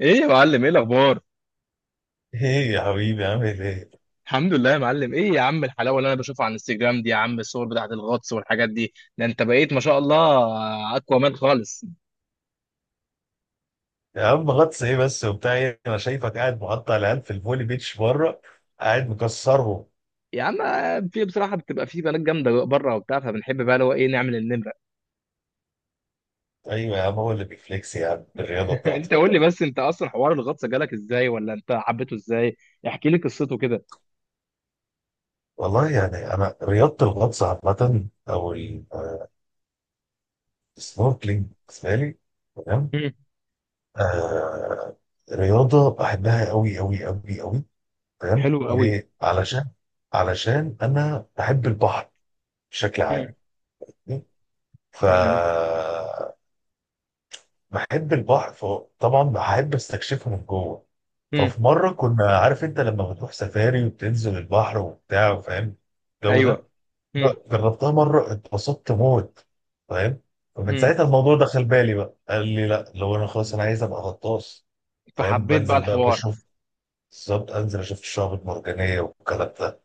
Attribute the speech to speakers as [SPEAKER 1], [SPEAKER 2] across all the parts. [SPEAKER 1] ايه يا معلم، ايه الاخبار؟
[SPEAKER 2] ايه يا حبيبي عامل ايه؟
[SPEAKER 1] الحمد لله يا معلم. ايه يا عم الحلاوه اللي انا بشوفها على الانستجرام دي؟ يا عم الصور بتاعت الغطس والحاجات دي، ده انت بقيت ما شاء الله اقوى مان خالص.
[SPEAKER 2] يا عم غطس ايه بس وبتاع ايه؟ انا شايفك قاعد مقطع العيال في الفولي بيتش بره، قاعد مكسرهم.
[SPEAKER 1] يا عم في بصراحه بتبقى في بنات جامده بره وبتاع، فبنحب بقى اللي هو ايه، نعمل النمره.
[SPEAKER 2] ايوه يا عم، هو اللي بيفليكس يا عم بالرياضه بتاعته.
[SPEAKER 1] انت قول لي بس، انت اصلا حوار الغطس جالك ازاي ولا انت حبيته ازاي؟ احكي لي قصته كده.
[SPEAKER 2] والله يعني انا رياضه الغطس عامه السنوركلينج بالنسبه لي، تمام.
[SPEAKER 1] مم.
[SPEAKER 2] آه، رياضه بحبها قوي قوي قوي قوي، تمام.
[SPEAKER 1] حلو قوي.
[SPEAKER 2] ليه؟ علشان، علشان انا بحب البحر بشكل عام،
[SPEAKER 1] مم.
[SPEAKER 2] ف
[SPEAKER 1] تمام.
[SPEAKER 2] بحب البحر فطبعا بحب استكشفه من جوه.
[SPEAKER 1] مم.
[SPEAKER 2] ففي مره كنا عارف انت لما بتروح سفاري وبتنزل البحر وبتاع، فاهم الجو
[SPEAKER 1] ايوه.
[SPEAKER 2] ده،
[SPEAKER 1] مم.
[SPEAKER 2] جربتها مره اتبسطت موت، فاهم. فمن
[SPEAKER 1] مم.
[SPEAKER 2] ساعتها الموضوع دخل بالي بقى، قال لي لا، لو انا خلاص انا عايز ابقى غطاس، فاهم.
[SPEAKER 1] فحبيت بقى
[SPEAKER 2] بنزل بقى
[SPEAKER 1] الحوار.
[SPEAKER 2] بشوف بالظبط، انزل اشوف الشعب المرجانيه والكلام ده.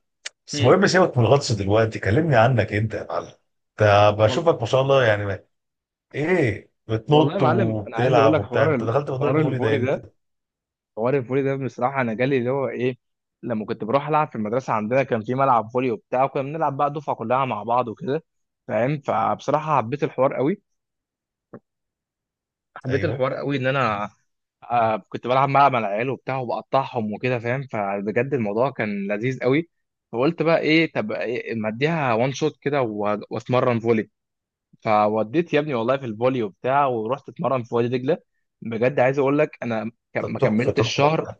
[SPEAKER 2] بس
[SPEAKER 1] مم.
[SPEAKER 2] المهم سيبك من الغطس دلوقتي، كلمني عنك انت يا معلم. ده
[SPEAKER 1] وال-
[SPEAKER 2] بشوفك ما شاء الله يعني، ايه
[SPEAKER 1] والله يا
[SPEAKER 2] بتنط
[SPEAKER 1] معلم انا عايز اقول
[SPEAKER 2] وبتلعب
[SPEAKER 1] لك
[SPEAKER 2] وبتاع، انت دخلت موضوع
[SPEAKER 1] حوار
[SPEAKER 2] الفولي ده
[SPEAKER 1] الفولي
[SPEAKER 2] امتى؟
[SPEAKER 1] ده. حوار الفولي ده بصراحة أنا جالي اللي هو إيه، لما كنت بروح ألعب في المدرسة عندنا كان في ملعب فولي وبتاع، وكنا بنلعب بقى دفعة كلها مع بعض وكده، فاهم؟ فبصراحة حبيت الحوار قوي. حبيت
[SPEAKER 2] ايوه.
[SPEAKER 1] الحوار قوي إن أنا كنت بلعب مع العيال وبتاع وبقطعهم وكده، فاهم؟ فبجد الموضوع كان لذيذ قوي. فقلت بقى إيه، طب إيه، ما أديها وان شوت كده وأتمرن فولي. فوديت يا ابني والله في الفولي وبتاع، ورحت أتمرن في وادي دجلة. بجد عايز أقول لك أنا
[SPEAKER 2] طب
[SPEAKER 1] ما
[SPEAKER 2] تحفه
[SPEAKER 1] كملتش شهر.
[SPEAKER 2] تحفه،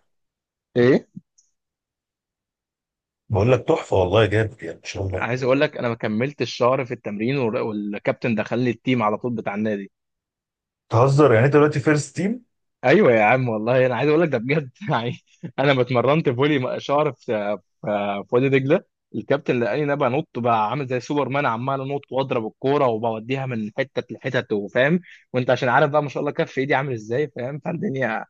[SPEAKER 1] إيه،
[SPEAKER 2] بقول لك تحفه والله، جامد يعني ان شاء الله.
[SPEAKER 1] عايز اقول لك انا ما كملتش شهر في التمرين والكابتن دخل لي التيم على طول بتاع النادي.
[SPEAKER 2] تهزر يعني، انت دلوقتي فيرست تيم؟
[SPEAKER 1] ايوه يا عم والله انا عايز اقول لك ده بجد. يعني انا ما اتمرنت فولي شهر في في وادي دجله، الكابتن لقاني انا بنط بقى عامل زي سوبر مان، عمال انط واضرب الكوره وبوديها من حته لحتت، وفاهم، وانت عشان عارف بقى ما شاء الله كف ايدي عامل ازاي، فاهم؟ فالدنيا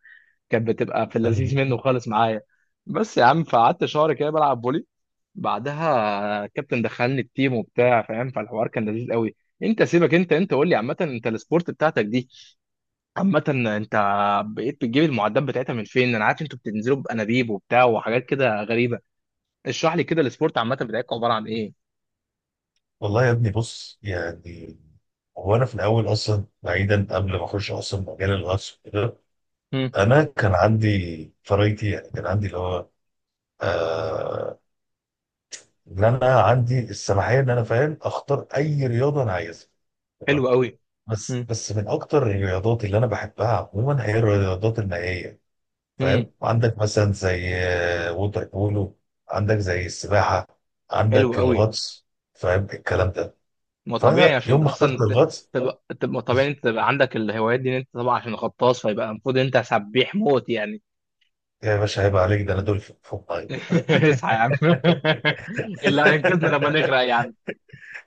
[SPEAKER 1] كانت بتبقى في اللذيذ منه خالص معايا. بس يا عم، فقعدت شهر كده بلعب فولي، بعدها الكابتن دخلني التيم وبتاع، فاهم؟ فالحوار كان لذيذ قوي. انت سيبك انت، قول لي عامه، انت السبورت بتاعتك دي عامه، انت بقيت بتجيب المعدات بتاعتها من فين؟ انا عارف انتوا بتنزلوا بانابيب وبتاع وحاجات كده غريبه. اشرح لي كده السبورت عامه بتاعتكم عباره عن ايه.
[SPEAKER 2] والله يا ابني بص يعني، هو انا في الاول اصلا، بعيدا قبل ما اخش اصلا مجال الغطس وكده،
[SPEAKER 1] امم.
[SPEAKER 2] انا كان عندي فرايتي، يعني كان عندي اللي هو، آه ان انا عندي السماحيه ان انا، فاهم، اختار اي رياضه انا عايزها.
[SPEAKER 1] حلو قوي.
[SPEAKER 2] بس من اكتر الرياضات اللي انا بحبها عموما هي الرياضات المائيه،
[SPEAKER 1] امم.
[SPEAKER 2] فاهم. عندك مثلا زي ووتر بولو، عندك زي السباحه،
[SPEAKER 1] حلو
[SPEAKER 2] عندك
[SPEAKER 1] قوي.
[SPEAKER 2] الغطس، فاهم الكلام ده.
[SPEAKER 1] ما طبيعي
[SPEAKER 2] فانا يوم
[SPEAKER 1] عشان
[SPEAKER 2] ما اخترت
[SPEAKER 1] اصلا
[SPEAKER 2] الغطس،
[SPEAKER 1] تبقى طبيعي انت تبقى عندك الهوايات دي، ان انت طبعا عشان غطاس فيبقى المفروض انت سبيح موت يعني.
[SPEAKER 2] يا باشا هيبقى عليك، ده انا دول فوق فوق الميه.
[SPEAKER 1] اصحى يا عم. اللي هينقذنا لما نغرق يعني.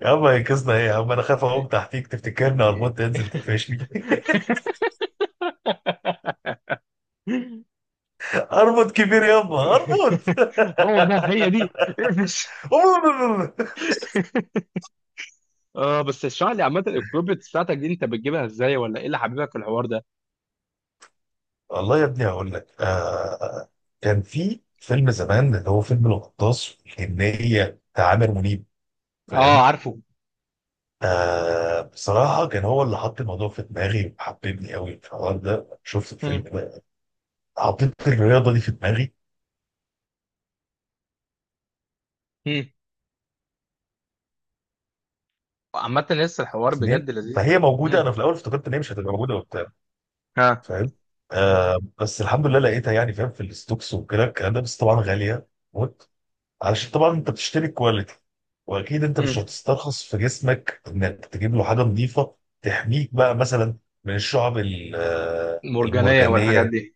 [SPEAKER 2] يا عم هينقذنا ايه يا عم، انا خايف اقوم تحتيك تفتكرني اربط، تنزل تقفشني. اربط كبير يابا اربط.
[SPEAKER 1] هو ده، هي دي، اقفش. اه بس اشرح لي عامة الكروبت بتاعتك دي، انت بتجيبها ازاي؟ ولا ايه اللي حبيبك في الحوار ده؟
[SPEAKER 2] والله يا ابني هقول لك، كان في فيلم زمان اللي هو فيلم الغطاس والجنية بتاع عامر منيب،
[SPEAKER 1] اه،
[SPEAKER 2] فاهم.
[SPEAKER 1] عارفه.
[SPEAKER 2] آه، بصراحة كان هو اللي حط الموضوع في دماغي وحببني قوي في الحوار ده، شفت الفيلم
[SPEAKER 1] مم.
[SPEAKER 2] ده حطيت الرياضة دي في دماغي.
[SPEAKER 1] مم. عامة لسه الحوار
[SPEAKER 2] اثنين،
[SPEAKER 1] بجد لذيذ.
[SPEAKER 2] فهي موجودة، أنا
[SPEAKER 1] مم.
[SPEAKER 2] في الأول افتكرت إن هي مش هتبقى موجودة وبتاع،
[SPEAKER 1] ها.
[SPEAKER 2] فاهم. آه، بس الحمد لله لقيتها يعني، فاهم، في الستوكس وكده الكلام ده، بس طبعا غالية موت، علشان طبعا انت بتشتري كواليتي، واكيد انت مش
[SPEAKER 1] مم.
[SPEAKER 2] هتسترخص في جسمك انك تجيب له حاجه نظيفه تحميك بقى مثلا من الشعب
[SPEAKER 1] مرجانية والحاجات
[SPEAKER 2] المرجانيه.
[SPEAKER 1] دي.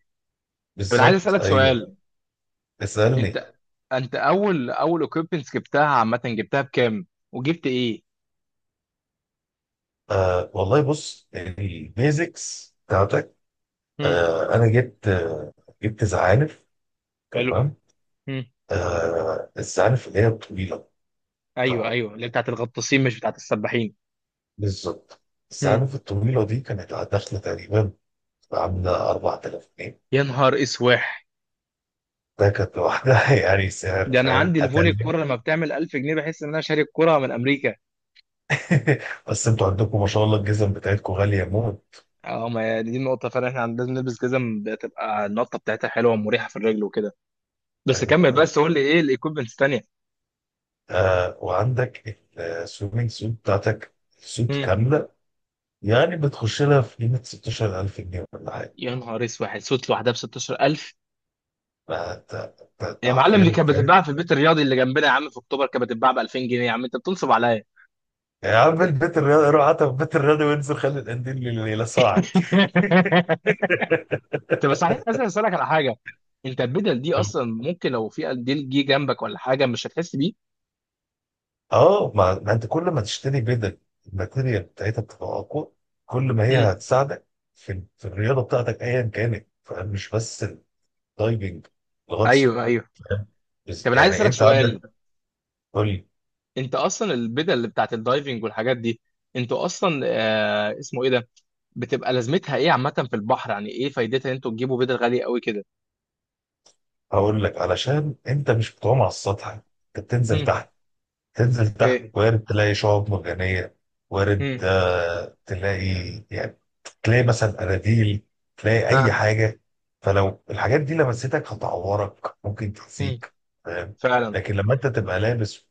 [SPEAKER 1] طب انا عايز
[SPEAKER 2] بالظبط،
[SPEAKER 1] اسألك
[SPEAKER 2] ايوه.
[SPEAKER 1] سؤال.
[SPEAKER 2] اسالني.
[SPEAKER 1] انت، انت اول اول equipment جبتها عامة جبتها بكام؟ وجبت ايه؟
[SPEAKER 2] آه والله، بص البيزكس بتاعتك،
[SPEAKER 1] مم.
[SPEAKER 2] انا جبت، جبت زعانف،
[SPEAKER 1] حلو.
[SPEAKER 2] تمام.
[SPEAKER 1] مم.
[SPEAKER 2] آه، الزعانف اللي هي الطويله،
[SPEAKER 1] ايوه
[SPEAKER 2] تمام.
[SPEAKER 1] ايوه، اللي بتاعت الغطاسين مش بتاعت السباحين.
[SPEAKER 2] بالظبط،
[SPEAKER 1] مم.
[SPEAKER 2] الزعانف الطويله دي كانت داخله تقريبا عامله 4000 جنيه.
[SPEAKER 1] يا نهار اسواح!
[SPEAKER 2] ده كانت لوحدها يعني سعر،
[SPEAKER 1] ده انا
[SPEAKER 2] فاهم،
[SPEAKER 1] عندي الفولي
[SPEAKER 2] قتل.
[SPEAKER 1] الكرة لما بتعمل 1000 جنيه بحس ان انا شاري الكرة من امريكا.
[SPEAKER 2] بس انتوا عندكم ما شاء الله الجزم بتاعتكم غالية موت،
[SPEAKER 1] اه، ما هي دي النقطة فعلا، احنا عندنا لازم نلبس جزم بتبقى النقطة بتاعتها حلوة ومريحة في الرجل وكده. بس
[SPEAKER 2] فاهم؟
[SPEAKER 1] كمل، بس قول لي ايه الايكويبمنتس الثانية.
[SPEAKER 2] آه، وعندك السويمنج سوت بتاعتك، سوت
[SPEAKER 1] امم.
[SPEAKER 2] كاملة، يعني بتخش لها في قيمة 16000 جنيه ولا حاجة.
[SPEAKER 1] يا نهار اسود، صوت لوحدها ب 16000؟
[SPEAKER 2] فانت انت أنت
[SPEAKER 1] يا معلم دي
[SPEAKER 2] حرفيا
[SPEAKER 1] كانت
[SPEAKER 2] فاهم.
[SPEAKER 1] بتتباع في البيت الرياضي اللي جنبنا يا عم، في اكتوبر كانت بتتباع ب 2000 جنيه، يا عم انت بتنصب عليا.
[SPEAKER 2] يا عم البيت الرياضي، روح حتى في البيت الرياضي وانزل خلي القنديل اللي يلسعك.
[SPEAKER 1] انت بس صحيح عايز اسالك على حاجة. انت البدل دي اصلا ممكن لو في ديل جه جنبك ولا حاجة مش هتحس بيه؟
[SPEAKER 2] اه، ما انت كل ما تشتري بدل، الماتيريال بتاعتها بتبقى اقوى، كل ما هي
[SPEAKER 1] امم.
[SPEAKER 2] هتساعدك في في الرياضه بتاعتك ايا كانت. فمش بس الدايفنج، الغطس،
[SPEAKER 1] ايوه ايوه.
[SPEAKER 2] فاهم؟
[SPEAKER 1] طب
[SPEAKER 2] بس
[SPEAKER 1] انا عايز
[SPEAKER 2] يعني
[SPEAKER 1] اسالك
[SPEAKER 2] انت
[SPEAKER 1] سؤال.
[SPEAKER 2] عندك، قول لي.
[SPEAKER 1] انت اصلا البدل اللي بتاعت الدايفنج والحاجات دي، انتوا اصلا اسمه ايه ده، بتبقى لازمتها ايه عامه في البحر؟ يعني ايه فايدتها ان انتوا تجيبوا بدل غاليه قوي كده؟
[SPEAKER 2] هقول لك، علشان انت مش بتعوم على السطح، انت بتنزل
[SPEAKER 1] امم.
[SPEAKER 2] تحت. تنزل تحت،
[SPEAKER 1] اوكي.
[SPEAKER 2] وارد تلاقي شعاب مرجانية، وارد
[SPEAKER 1] امم.
[SPEAKER 2] تلاقي يعني، تلاقي مثلا أناديل، تلاقي أي
[SPEAKER 1] ها.
[SPEAKER 2] حاجة. فلو الحاجات دي لمستك هتعورك، ممكن
[SPEAKER 1] امم.
[SPEAKER 2] تأذيك، فاهم.
[SPEAKER 1] فعلا.
[SPEAKER 2] لكن لما أنت تبقى لابس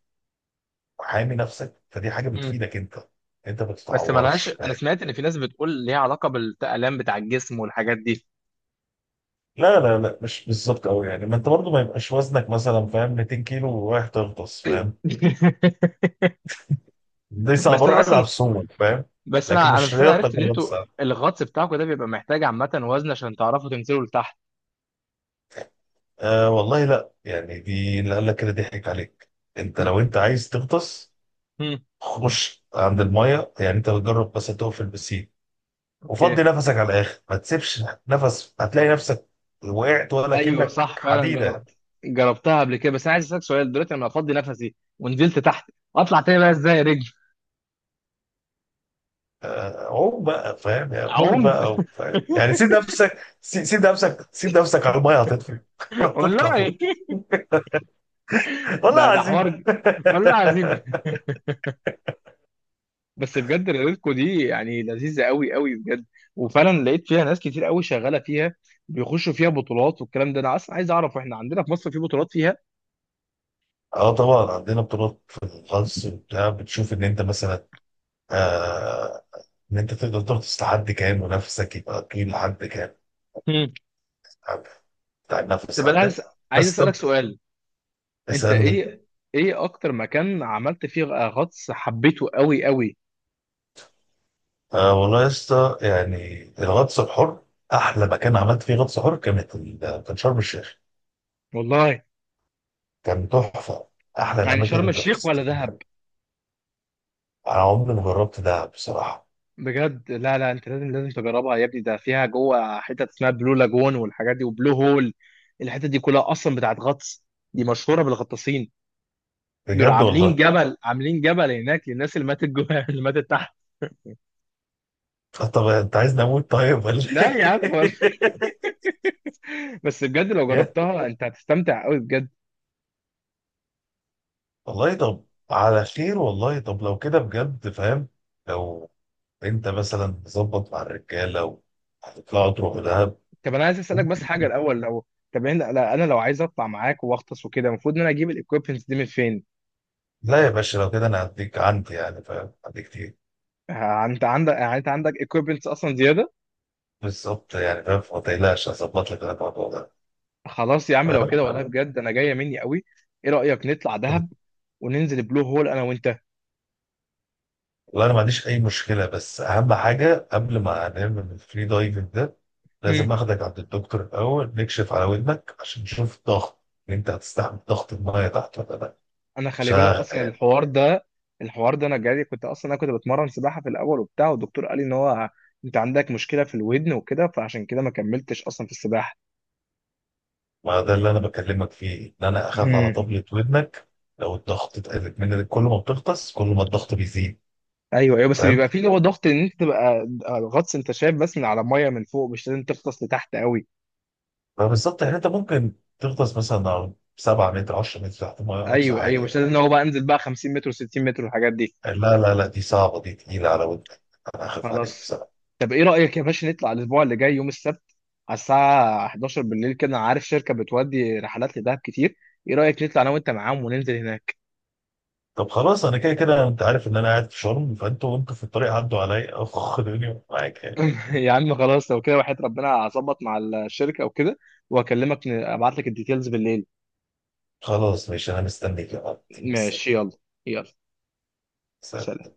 [SPEAKER 2] وحامي نفسك، فدي حاجة
[SPEAKER 1] امم.
[SPEAKER 2] بتفيدك أنت، أنت ما
[SPEAKER 1] بس
[SPEAKER 2] بتتعورش،
[SPEAKER 1] ملهاش، انا
[SPEAKER 2] فاهم.
[SPEAKER 1] سمعت ان في ناس بتقول ليها علاقه بالالام بتاع الجسم والحاجات دي.
[SPEAKER 2] لا لا لا، مش بالظبط قوي يعني، ما أنت برضه ما يبقاش وزنك مثلا فاهم 200 كيلو ورايح تغطس، فاهم. دي
[SPEAKER 1] بس
[SPEAKER 2] صعبة، روح
[SPEAKER 1] انا
[SPEAKER 2] العب
[SPEAKER 1] اصلا،
[SPEAKER 2] سومو، فاهم.
[SPEAKER 1] بس
[SPEAKER 2] لكن
[SPEAKER 1] انا انا
[SPEAKER 2] مش
[SPEAKER 1] بس انا عرفت
[SPEAKER 2] رياضتك
[SPEAKER 1] ان
[SPEAKER 2] اللي انت،
[SPEAKER 1] انتوا الغطس بتاعكم ده بيبقى محتاج عامه وزن عشان تعرفوا تنزلوا لتحت.
[SPEAKER 2] آه والله لا يعني، دي اللي قال لك كده ضحك عليك. انت لو انت عايز تغطس،
[SPEAKER 1] مم.
[SPEAKER 2] خش عند المايه، يعني انت بتجرب بس تقف في البسين وفضي
[SPEAKER 1] اوكي.
[SPEAKER 2] نفسك على الاخر، ما تسيبش نفس، هتلاقي نفسك وقعت ولا
[SPEAKER 1] ايوه
[SPEAKER 2] كأنك
[SPEAKER 1] صح فعلا،
[SPEAKER 2] حديدة.
[SPEAKER 1] جربت. جربتها قبل كده، بس انا عايز اسالك سؤال، دلوقتي لما افضي نفسي ونزلت تحت، اطلع تاني بقى ازاي يا رجل؟
[SPEAKER 2] آه، عوم بقى فاهم يعني، موت
[SPEAKER 1] اعوم.
[SPEAKER 2] بقى فاهم يعني، سيب نفسك سيب نفسك على المايه، هتطفو. هتطلع
[SPEAKER 1] والله!
[SPEAKER 2] فوق،
[SPEAKER 1] ده
[SPEAKER 2] والله
[SPEAKER 1] ده
[SPEAKER 2] العظيم.
[SPEAKER 1] حوار. والله عظيم. بس بجد ريلتكو دي يعني لذيذه قوي قوي بجد. وفعلا لقيت فيها ناس كتير قوي شغاله فيها، بيخشوا فيها بطولات والكلام ده. انا اصلا عايز اعرف، احنا عندنا في مصر في بطولات فيها؟
[SPEAKER 2] اه طبعا عندنا بطولات في الغطس وبتاع، بتشوف ان انت مثلا، آه، ان انت تقدر تغطس لحد كام، ونفسك يبقى طويل لحد كام،
[SPEAKER 1] مم.
[SPEAKER 2] عارف، بتاع النفس
[SPEAKER 1] طب انا عايز،
[SPEAKER 2] عندك. بس
[SPEAKER 1] اسالك
[SPEAKER 2] طب،
[SPEAKER 1] سؤال. انت
[SPEAKER 2] اسالني.
[SPEAKER 1] ايه، اكتر مكان عملت فيه غطس حبيته قوي قوي؟
[SPEAKER 2] آه والله يا اسطى، يعني الغطس الحر، احلى مكان عملت فيه غطس حر كانت كان شرم الشيخ،
[SPEAKER 1] والله
[SPEAKER 2] كان تحفه، احلى
[SPEAKER 1] يعني
[SPEAKER 2] الاماكن
[SPEAKER 1] شرم
[SPEAKER 2] اللي
[SPEAKER 1] الشيخ
[SPEAKER 2] غطست
[SPEAKER 1] ولا دهب؟
[SPEAKER 2] فيها. انا عمري ما جربت ده بصراحه.
[SPEAKER 1] بجد؟ لا لا، انت لازم لازم تجربها يا ابني، ده فيها جوه حتت اسمها بلو لاجون والحاجات دي، وبلو هول. الحتت دي كلها اصلا بتاعت غطس، دي مشهوره بالغطاسين. دول
[SPEAKER 2] بجد
[SPEAKER 1] عاملين
[SPEAKER 2] والله.
[SPEAKER 1] جبل، عاملين جبل هناك للناس اللي ماتت جوه اللي ماتت تحت.
[SPEAKER 2] آه، طب انت عايزني اموت طيب ولا
[SPEAKER 1] لا يا عم، ولا. بس بجد لو
[SPEAKER 2] إيه؟
[SPEAKER 1] جربتها انت هتستمتع قوي بجد.
[SPEAKER 2] والله طب على خير. والله طب لو كده بجد، فاهم، لو انت مثلا تظبط مع الرجاله وهتطلعوا تروحوا دهب،
[SPEAKER 1] طب انا عايز اسالك بس حاجه
[SPEAKER 2] ممكن.
[SPEAKER 1] الاول، لو طب انا لا، انا لو عايز اطلع معاك واغطس وكده، المفروض ان انا اجيب الايكويبمنتس دي من فين؟
[SPEAKER 2] لا يا باشا لو كده انا هديك عندي، يعني فاهم، عندي كتير.
[SPEAKER 1] ها، انت عندك؟ يعني انت عندك ايكويبمنتس اصلا زياده؟
[SPEAKER 2] بالظبط، يعني فاهم، فما تقلقش، هظبط لك أنا الموضوع ده،
[SPEAKER 1] خلاص يا عم لو كده
[SPEAKER 2] فاهم.
[SPEAKER 1] والله بجد انا جايه مني قوي. ايه رايك نطلع دهب وننزل بلو هول انا وانت؟
[SPEAKER 2] والله انا ما عنديش اي مشكله، بس اهم حاجه قبل ما نعمل الفري دايفنج ده،
[SPEAKER 1] هم.
[SPEAKER 2] لازم اخدك عند الدكتور الاول نكشف على ودنك، عشان نشوف الضغط ان انت هتستحمل ضغط المايه تحت ولا لا.
[SPEAKER 1] انا خلي بالك
[SPEAKER 2] عشان،
[SPEAKER 1] اصلا الحوار ده، الحوار ده انا جاي، كنت اصلا انا كنت بتمرن سباحه في الاول وبتاع، والدكتور قال لي ان هو انت عندك مشكله في الودن وكده، فعشان كده ما كملتش اصلا في السباحه.
[SPEAKER 2] ما ده اللي انا بكلمك فيه، ان انا اخاف على
[SPEAKER 1] هم.
[SPEAKER 2] طبلة ودنك، لو الضغط اتقلت منك، كل ما بتغطس كل ما الضغط بيزيد،
[SPEAKER 1] ايوه ايوه، بس
[SPEAKER 2] فاهم.
[SPEAKER 1] بيبقى فيه اللي هو ضغط، ان انت تبقى غطس، انت شايف بس من على الميه من فوق، مش لازم تغطس لتحت قوي.
[SPEAKER 2] فبالظبط يعني، انت ممكن تغطس مثلا على 7 متر 10 متر تحت الميه اقصى
[SPEAKER 1] ايوه
[SPEAKER 2] حاجه
[SPEAKER 1] ايوه، مش
[SPEAKER 2] يعني.
[SPEAKER 1] لازم ان هو بقى انزل بقى 50 متر و60 متر والحاجات دي.
[SPEAKER 2] لا لا لا، دي صعبه، دي تقيله على ودنك، انا اخاف عليك
[SPEAKER 1] خلاص.
[SPEAKER 2] بصراحه.
[SPEAKER 1] طب ايه رأيك يا باشا نطلع الاسبوع اللي جاي يوم السبت، على الساعة 11 بالليل كده، انا عارف شركة بتودي رحلات لدهب كتير، ايه رأيك نطلع انا وانت معاهم وننزل هناك؟
[SPEAKER 2] طب خلاص، انا كده كده انت عارف ان انا قاعد في شرم، فانتوا وانتوا في الطريق عدوا عليا، اخ دنيا معاك يعني.
[SPEAKER 1] يا عم خلاص لو كده وحياة ربنا هظبط مع الشركة وكده، واكلمك ابعت لك الديتيلز بالليل.
[SPEAKER 2] خلاص ماشي، انا مستنيك يا عم.
[SPEAKER 1] ماشي، يلا، يلا،
[SPEAKER 2] سلام.
[SPEAKER 1] سلام.